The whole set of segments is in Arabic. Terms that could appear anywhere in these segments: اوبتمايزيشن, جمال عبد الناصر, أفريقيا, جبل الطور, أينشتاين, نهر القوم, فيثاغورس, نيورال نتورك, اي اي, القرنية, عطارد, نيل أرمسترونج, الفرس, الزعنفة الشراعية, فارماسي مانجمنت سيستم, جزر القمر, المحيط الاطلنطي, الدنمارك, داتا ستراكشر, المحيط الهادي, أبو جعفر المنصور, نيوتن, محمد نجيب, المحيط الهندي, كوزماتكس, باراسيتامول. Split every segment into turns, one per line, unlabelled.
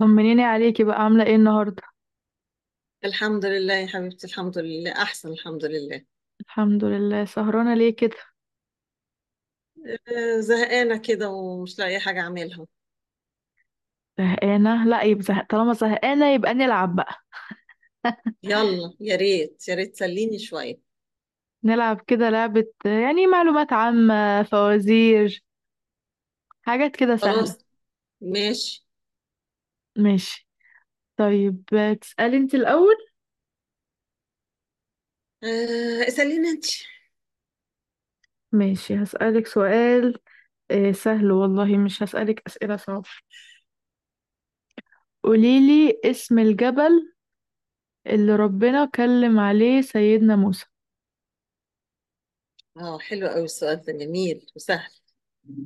طمنيني عليكي بقى عاملة ايه النهاردة.
الحمد لله يا حبيبتي، الحمد لله، احسن، الحمد لله.
الحمد لله. سهرانة ليه كده؟
زهقانه كده ومش لاقيه حاجه اعملها.
زهقانة؟ لا يبقى زهق، طالما زهقانة يبقى نلعب بقى.
يلا، يا ريت يا ريت تسليني شويه.
نلعب كده لعبة، يعني معلومات عامة، فوازير، حاجات كده سهلة.
خلاص. ماشي.
ماشي. طيب، تسألي انت الأول؟
اساليني انت.
ماشي، هسألك سؤال. سهل والله، مش هسألك أسئلة صعبة. قوليلي اسم الجبل اللي ربنا كلم عليه سيدنا موسى.
اه، حلو قوي، السؤال ده جميل وسهل.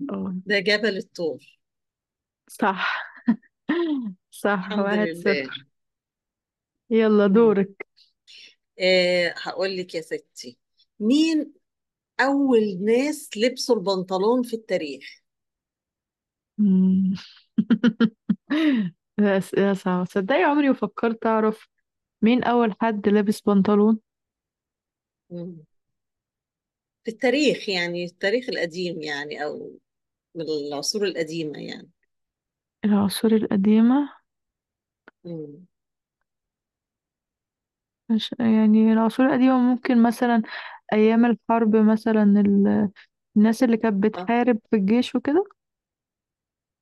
اه
ده جبل الطور.
صح. صح،
الحمد
واحد
لله.
صفر. يلا
مم.
دورك.
هقول لك يا ستي. مين اول ناس لبسوا البنطلون في التاريخ؟
ده أسئلة صعبة، تصدقي عمري وفكرت أعرف مين أول حد لابس بنطلون.
مم. في التاريخ يعني، التاريخ القديم يعني، او من العصور القديمة يعني.
العصور القديمة.
مم.
مش يعني العصور القديمة، ممكن مثلا أيام الحرب مثلا الناس اللي كانت
اه،
بتحارب في الجيش وكده.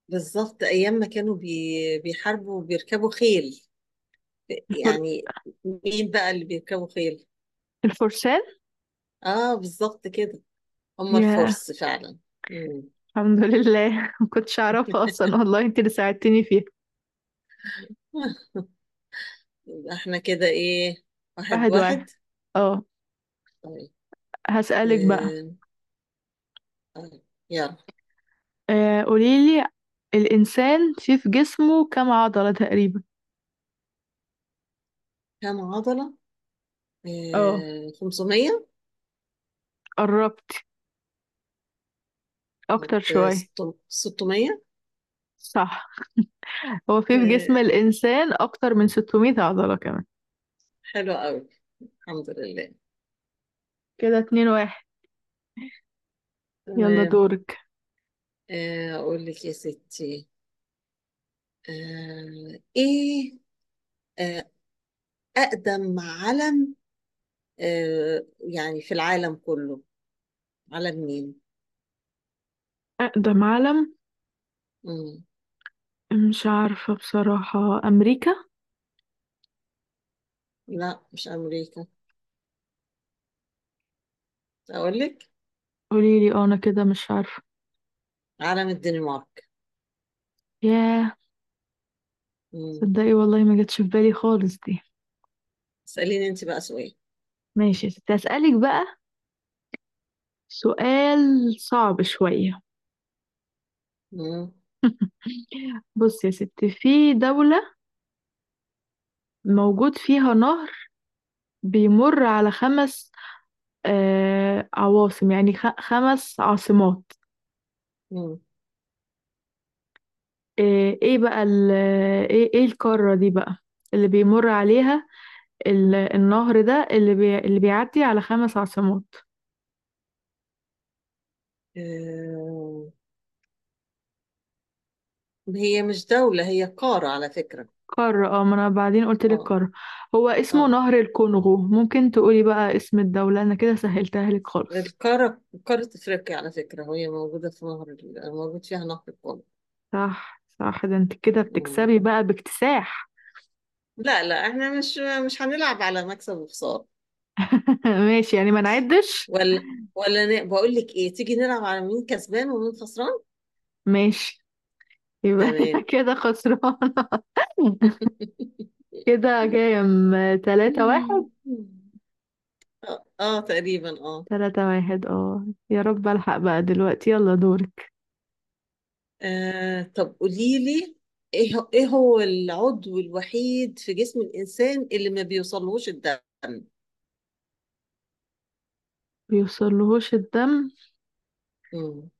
بالظبط أيام ما كانوا بيحاربوا وبيركبوا خيل،
الفر...
يعني. مين بقى اللي بيركبوا خيل؟
الفرسان.
اه، بالظبط كده. هم
يا.
الفرس فعلا. مم.
الحمد لله. ما كنتش أعرفها أصلا والله، أنت اللي ساعدتني فيها.
آه، يبقى احنا كده ايه؟ واحد
واحد واحد،
واحد.
اه.
طيب،
هسألك بقى.
آه. طيب، يلا.
قوليلي، الإنسان فيه في جسمه كام عضلة تقريبا؟
كام عضلة؟
اه
500.
قربت،
طب،
أكتر شوية.
600.
صح، هو في جسم
آه.
الإنسان أكتر من 600 عضلة كمان.
حلو قوي. الحمد لله.
كده اتنين واحد. يلا
تمام.
دورك.
أقول لك يا ستي، إيه، آه، أقدم علم، يعني في العالم كله. علم مين؟
أقدم علم.
مم.
مش عارفة بصراحة، أمريكا؟
لا، مش أمريكا. أقول لك.
قوليلي أه، أنا كده مش عارفة.
علم الدنمارك.
ياه،
مم.
تصدقي والله ما جاتش في بالي خالص دي.
اسأليني أنت بقى سؤال.
ماشي يا ستي، هسألك بقى سؤال صعب شوية.
مم.
بص يا ستي، في دولة موجود فيها نهر بيمر على خمس، آه، عواصم، يعني خمس عاصمات.
مم.
إيه إيه بقى ال إيه القارة دي بقى اللي بيمر عليها، النهر ده اللي بيعدي على خمس عاصمات.
آه، هي مش دولة، هي قارة على فكرة.
قارة اه، ما أنا بعدين قلت لك
اه
قارة. هو اسمه
اه.
نهر الكونغو، ممكن تقولي بقى اسم الدولة؟ أنا كده سهلتها لك خالص.
القارة قارة أفريقيا على فكرة، وهي موجودة في موجود فيها نهر القوم.
صح صح، ده أنت كده
مم.
بتكسبي بقى باكتساح.
لا، لا، احنا مش هنلعب على مكسب وخسارة.
ماشي يعني، ما نعدش.
ولا ولا بقول لك ايه، تيجي نلعب على مين كسبان ومين خسران.
ماشي، يبقى أنا
تمام.
كده خسران. كده كام؟ تلاتة واحد.
اه، تقريبا، اه.
تلاتة واحد اه، يا رب ألحق بقى دلوقتي. يلا دور.
طب قولي لي، ايه هو العضو الوحيد في جسم الانسان اللي ما بيوصلهوش الدم؟
بيوصلهوش الدم؟
مم.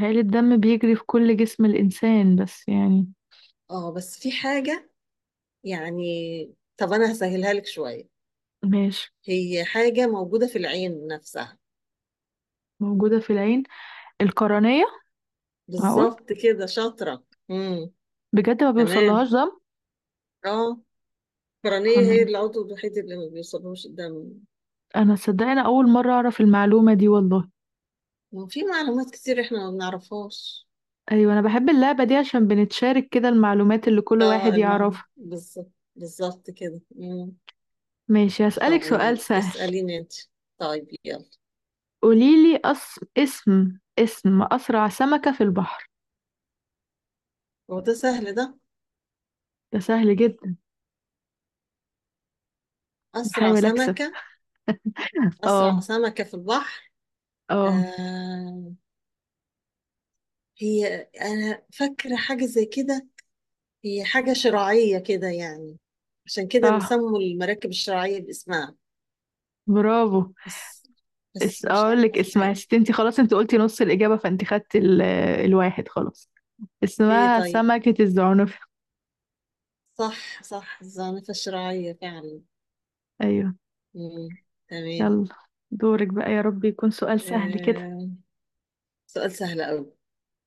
هل الدم بيجري في كل جسم الإنسان بس يعني؟
اه، بس في حاجة، يعني. طب انا هسهلها لك شوية.
ماشي.
هي حاجة موجودة في العين نفسها.
موجودة في العين، القرنية. معقول!
بالظبط كده، شاطرة. امم
بجد ما
تمام.
بيوصلهاش دم!
اه. القرنية
سبحان
هي
الله،
العضو الوحيد اللي ما بيوصلهوش الدم.
أنا صدقني أول مرة أعرف المعلومة دي والله.
وفي معلومات كتير احنا ما بنعرفهاش.
أيوة، أنا بحب اللعبة دي عشان بنتشارك كده المعلومات اللي كل
اه،
واحد
المعنى
يعرفها.
بالظبط، بالظبط كده. مم.
ماشي، هسألك سؤال
طيب،
سهل.
اسأليني انت. طيب، يلا.
قوليلي اسم أسرع سمكة في البحر.
هو ده سهل ده.
ده سهل جدا.
أسرع
بحاول أكسب.
سمكة، أسرع
اه.
سمكة في البحر.
اه
آه هي، أنا فاكرة حاجة زي كده، هي حاجة شراعية كده يعني، عشان كده
صح،
بيسموا المراكب الشراعية باسمها.
برافو.
بس بس مش
اقول
عارفة
لك
اسمها
اسمها
ايه.
ست، انت خلاص انت قلتي نص الإجابة، فانت خدت الواحد خلاص.
ايه،
اسمها
طيب.
سمكة الزعنف.
صح، صح، الزعنفة الشراعية فعلا.
ايوه.
مم. تمام.
يلا دورك بقى، يا رب يكون سؤال سهل كده.
آه. سؤال سهل أوي.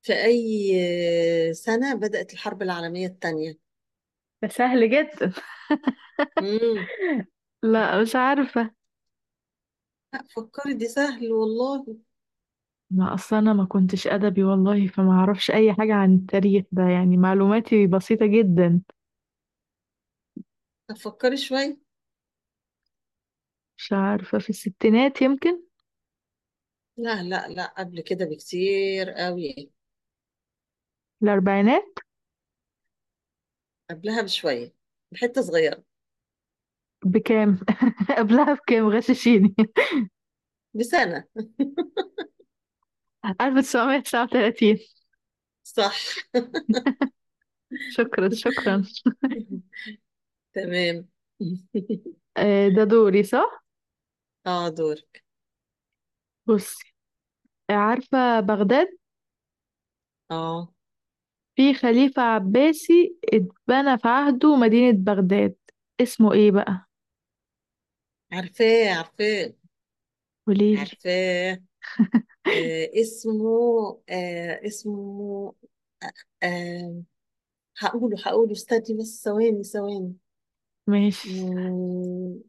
في أي سنة بدأت الحرب العالمية الثانية؟
ده سهل جدا.
مم.
لا مش عارفة.
لا، فكري، دي سهل والله.
ما اصل انا ما كنتش ادبي والله، فما اعرفش اي حاجة عن التاريخ ده، يعني معلوماتي بسيطة جدا.
طب فكري شوية.
مش عارفة، في الستينات يمكن.
لا، لا، لا، قبل كده بكتير قوي.
الاربعينات.
قبلها بشوية، بحتة صغيرة.
بكام؟ قبلها بكام؟ غششيني.
بسنة.
1939.
صح.
شكرا شكرا.
تمام.
ده دوري صح؟
اه، دورك.
بصي، عارفة بغداد؟
اه،
في خليفة عباسي اتبنى في عهده مدينة بغداد، اسمه ايه بقى؟
عارفاه عارفاه
قوليلي.
عارفاه. اسمه، اسمه، آه هقوله هقوله استني بس، ثواني ثواني.
ماشي.
مم،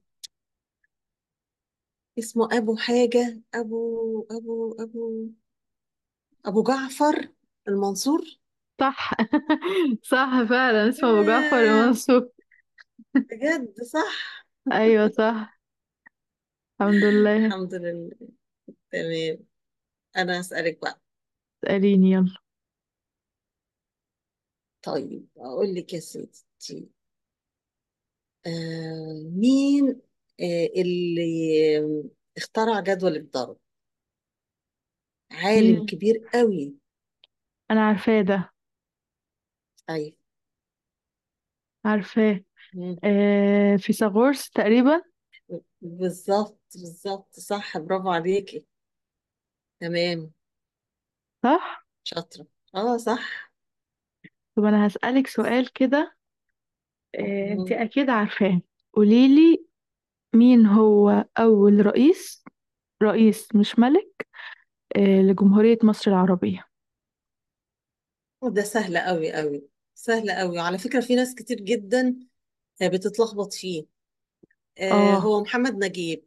اسمه أبو حاجة، أبو أبو أبو جعفر المنصور.
صح. صح فعلا، اسمه أبو جعفر
آه،
المنصور.
بجد صح.
أيوة صح، الحمد لله.
الحمد لله. تمام. أنا هسألك بقى.
اسأليني يلا.
طيب، أقول لك يا ستي، مين اللي اخترع جدول الضرب؟ عالم
مين؟
كبير قوي.
أنا عارفاه ده،
أيوة،
عارفاه. آه فيثاغورس تقريبا.
بالظبط، بالظبط، صح، برافو عليكي. تمام.
صح.
شاطرة. اه، صح.
طب أنا هسألك سؤال كده، آه أنت
مم.
أكيد عارفاه. قوليلي، مين هو أول رئيس، رئيس مش ملك، لجمهورية مصر العربية؟
وده سهل قوي قوي، سهل قوي على فكرة، في ناس كتير جدا بتتلخبط فيه.
اه.
هو محمد نجيب.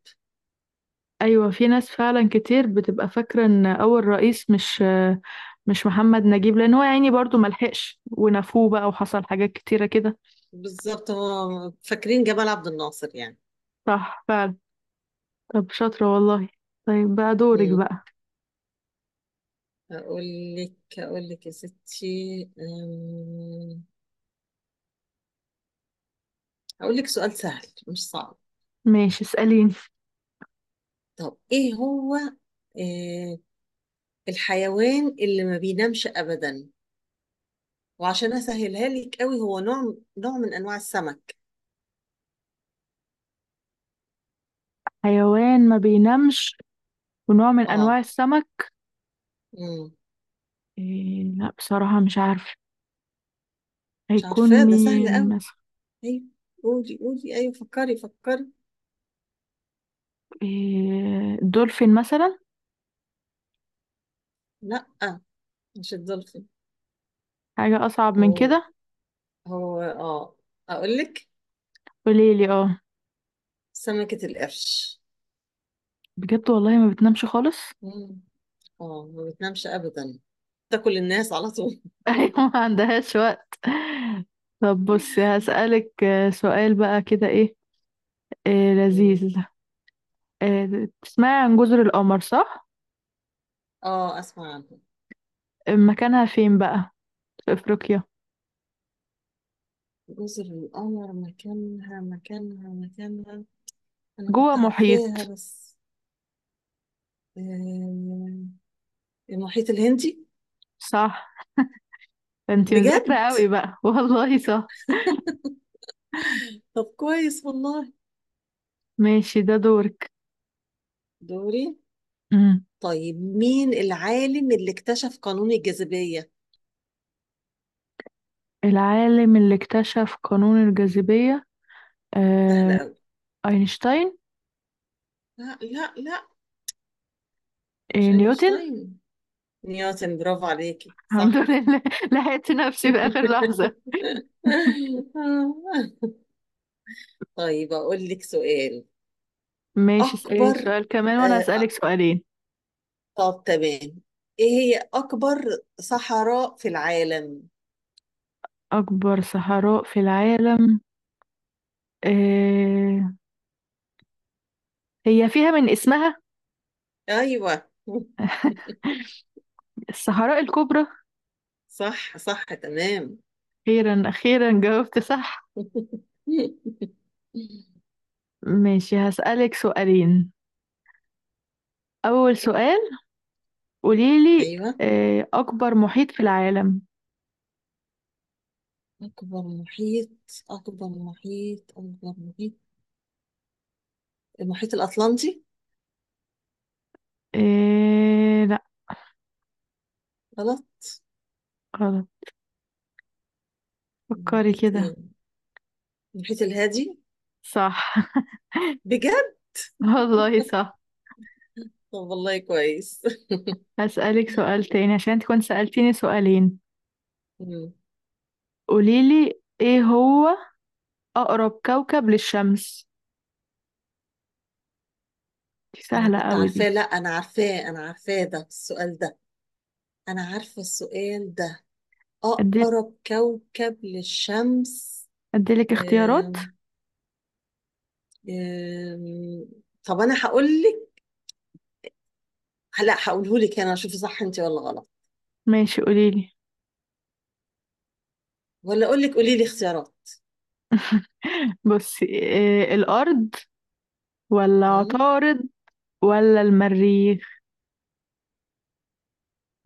ايوه، في ناس فعلا كتير بتبقى فاكرة ان اول رئيس مش، مش محمد نجيب، لان هو يعني برضو ملحقش ونفوه بقى وحصل حاجات كتيرة كده.
بالظبط، هو فاكرين جمال عبد الناصر يعني.
صح فعلا، طب شاطرة والله، طيب بقى دورك
مم.
بقى.
اقول لك، اقول لك يا ستي، اقول لك سؤال سهل مش صعب.
ماشي اسأليني.
طب، ايه هو آه الحيوان اللي ما بينامش ابدا؟ وعشان اسهلها لك قوي، هو نوع نوع من انواع السمك.
حيوان ما بينامش ونوع من
اه.
انواع السمك.
امم
إيه، لا بصراحة مش عارفة،
مش
هيكون
عارفاه، ده سهل
مين
قوي.
مثلا؟
ايوه، قولي قولي، ايوه، فكري فكري.
إيه، دولفين مثلا؟
لا، مش الدولفين.
حاجة اصعب من
هو
كده.
هو اقول لك.
قوليلي اه.
سمكة القرش.
بجد والله ما بتنامش خالص؟
امم اه، ما بتنامش ابدا، تاكل الناس على طول.
أيوة، ما عندهاش وقت. طب بصي، هسألك سؤال بقى كده إيه،
مم.
لذيذ. تسمعي عن جزر القمر صح؟
اه، اسمع عنها.
مكانها فين بقى؟ في أفريقيا؟
جزر القمر مكانها، انا
جوه
كنت
محيط؟
عارفاها بس، آه، المحيط الهندي.
صح. انتي مذاكرة
بجد.
قوي بقى. والله صح.
طب كويس والله.
ماشي، ده دورك.
دوري.
مم.
طيب، مين العالم اللي اكتشف قانون الجاذبية؟
العالم اللي اكتشف قانون الجاذبية؟
سهل
آه،
قوي.
أينشتاين.
لا، لا، لا، مش
نيوتن.
اينشتاين. نيوتن، برافو عليكي،
الحمد
صح.
لله، لحقت نفسي في آخر لحظة.
طيب، اقول لك سؤال.
ماشي، اسألي
اكبر
سؤال كمان وأنا
آه
هسألك
آه،
سؤالين.
طب، تمام. ايه هي اكبر صحراء في العالم؟
أكبر صحراء في العالم؟ آه، هي فيها من اسمها.
ايوه.
الصحراء الكبرى.
صح، صح، تمام.
أخيرا أخيرا جاوبت صح. ماشي هسألك سؤالين، أول سؤال، قوليلي
ايوه.
أكبر محيط في العالم.
اكبر محيط اكبر محيط، المحيط الاطلنطي.
لا
غلط.
غلط. فكري
المحيط
كده.
ايه؟ المحيط الهادي.
صح.
بجد.
والله صح.
طب والله كويس.
هسألك سؤال تاني عشان انت كنت سألتيني سؤالين.
مم.
قوليلي، ايه هو أقرب كوكب للشمس؟ دي
انا
سهلة
كنت
أوي دي.
عارفاه، لا انا عارفاه، انا عارفاه ده السؤال ده، انا عارفه السؤال ده،
أدي-
اقرب كوكب للشمس.
أديلك اختيارات.
أم... أم... طب انا هقول لك، لا هقوله لك، انا اشوف صح انت ولا غلط،
ماشي قوليلي.
ولا اقول لك قولي لي اختيارات.
بصي إيه، الأرض، ولا
مم.
عطارد، ولا المريخ؟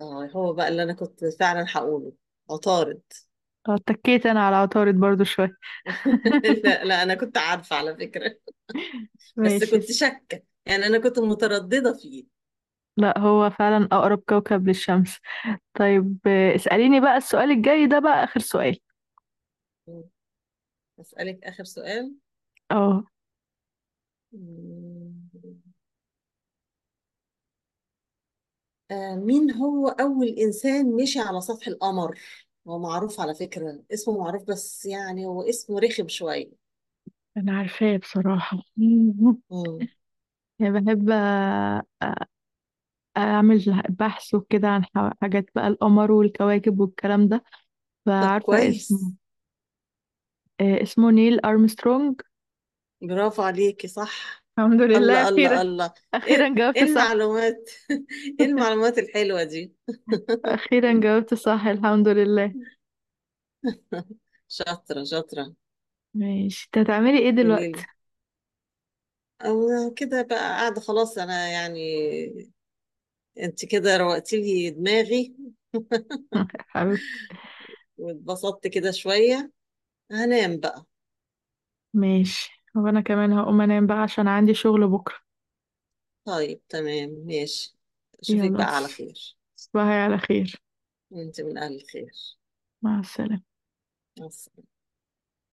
اه، هو بقى اللي انا كنت فعلا هقوله، عطارد.
اتكيت أنا على عطارد برضو شوية.
لا، لا، انا كنت عارفه على فكره، بس
ماشي
كنت شاكه يعني، انا كنت متردده فيه.
لا، هو فعلا أقرب كوكب للشمس. طيب اسأليني بقى السؤال الجاي ده، بقى آخر سؤال.
اسالك اخر سؤال.
اه.
مم. مين هو اول انسان مشي على سطح القمر؟ هو معروف على فكره، اسمه معروف بس، يعني هو اسمه رخم شويه.
أنا عارفاه بصراحة.
مم.
يعني بحب أعمل بحث وكده عن حاجات بقى، القمر والكواكب والكلام ده،
طب
فعارفة اسمه.
كويس.
اسمه نيل أرمسترونج.
برافو عليكي، صح.
الحمد لله
الله، الله،
خير.
الله. ايه،
أخيرا
إيه
جاوبت صح.
المعلومات؟ ايه المعلومات الحلوه دي!
أخيرا جاوبت صح، الحمد لله.
شاطرة شاطرة.
ماشي، انت هتعملي ايه دلوقتي؟
قوليلي. أنا كده بقى قاعدة خلاص، أنا يعني، أنت كده روقتي لي دماغي،
حبيبتي.
واتبسطت كده شوية، هنام بقى.
ماشي، وأنا كمان هقوم أنام بقى عشان عندي شغل بكرة.
طيب، تمام، ماشي. أشوفك
يلا،
بقى على خير.
تصبحي على خير.
أنت من أهل الخير.
مع السلامة.
مع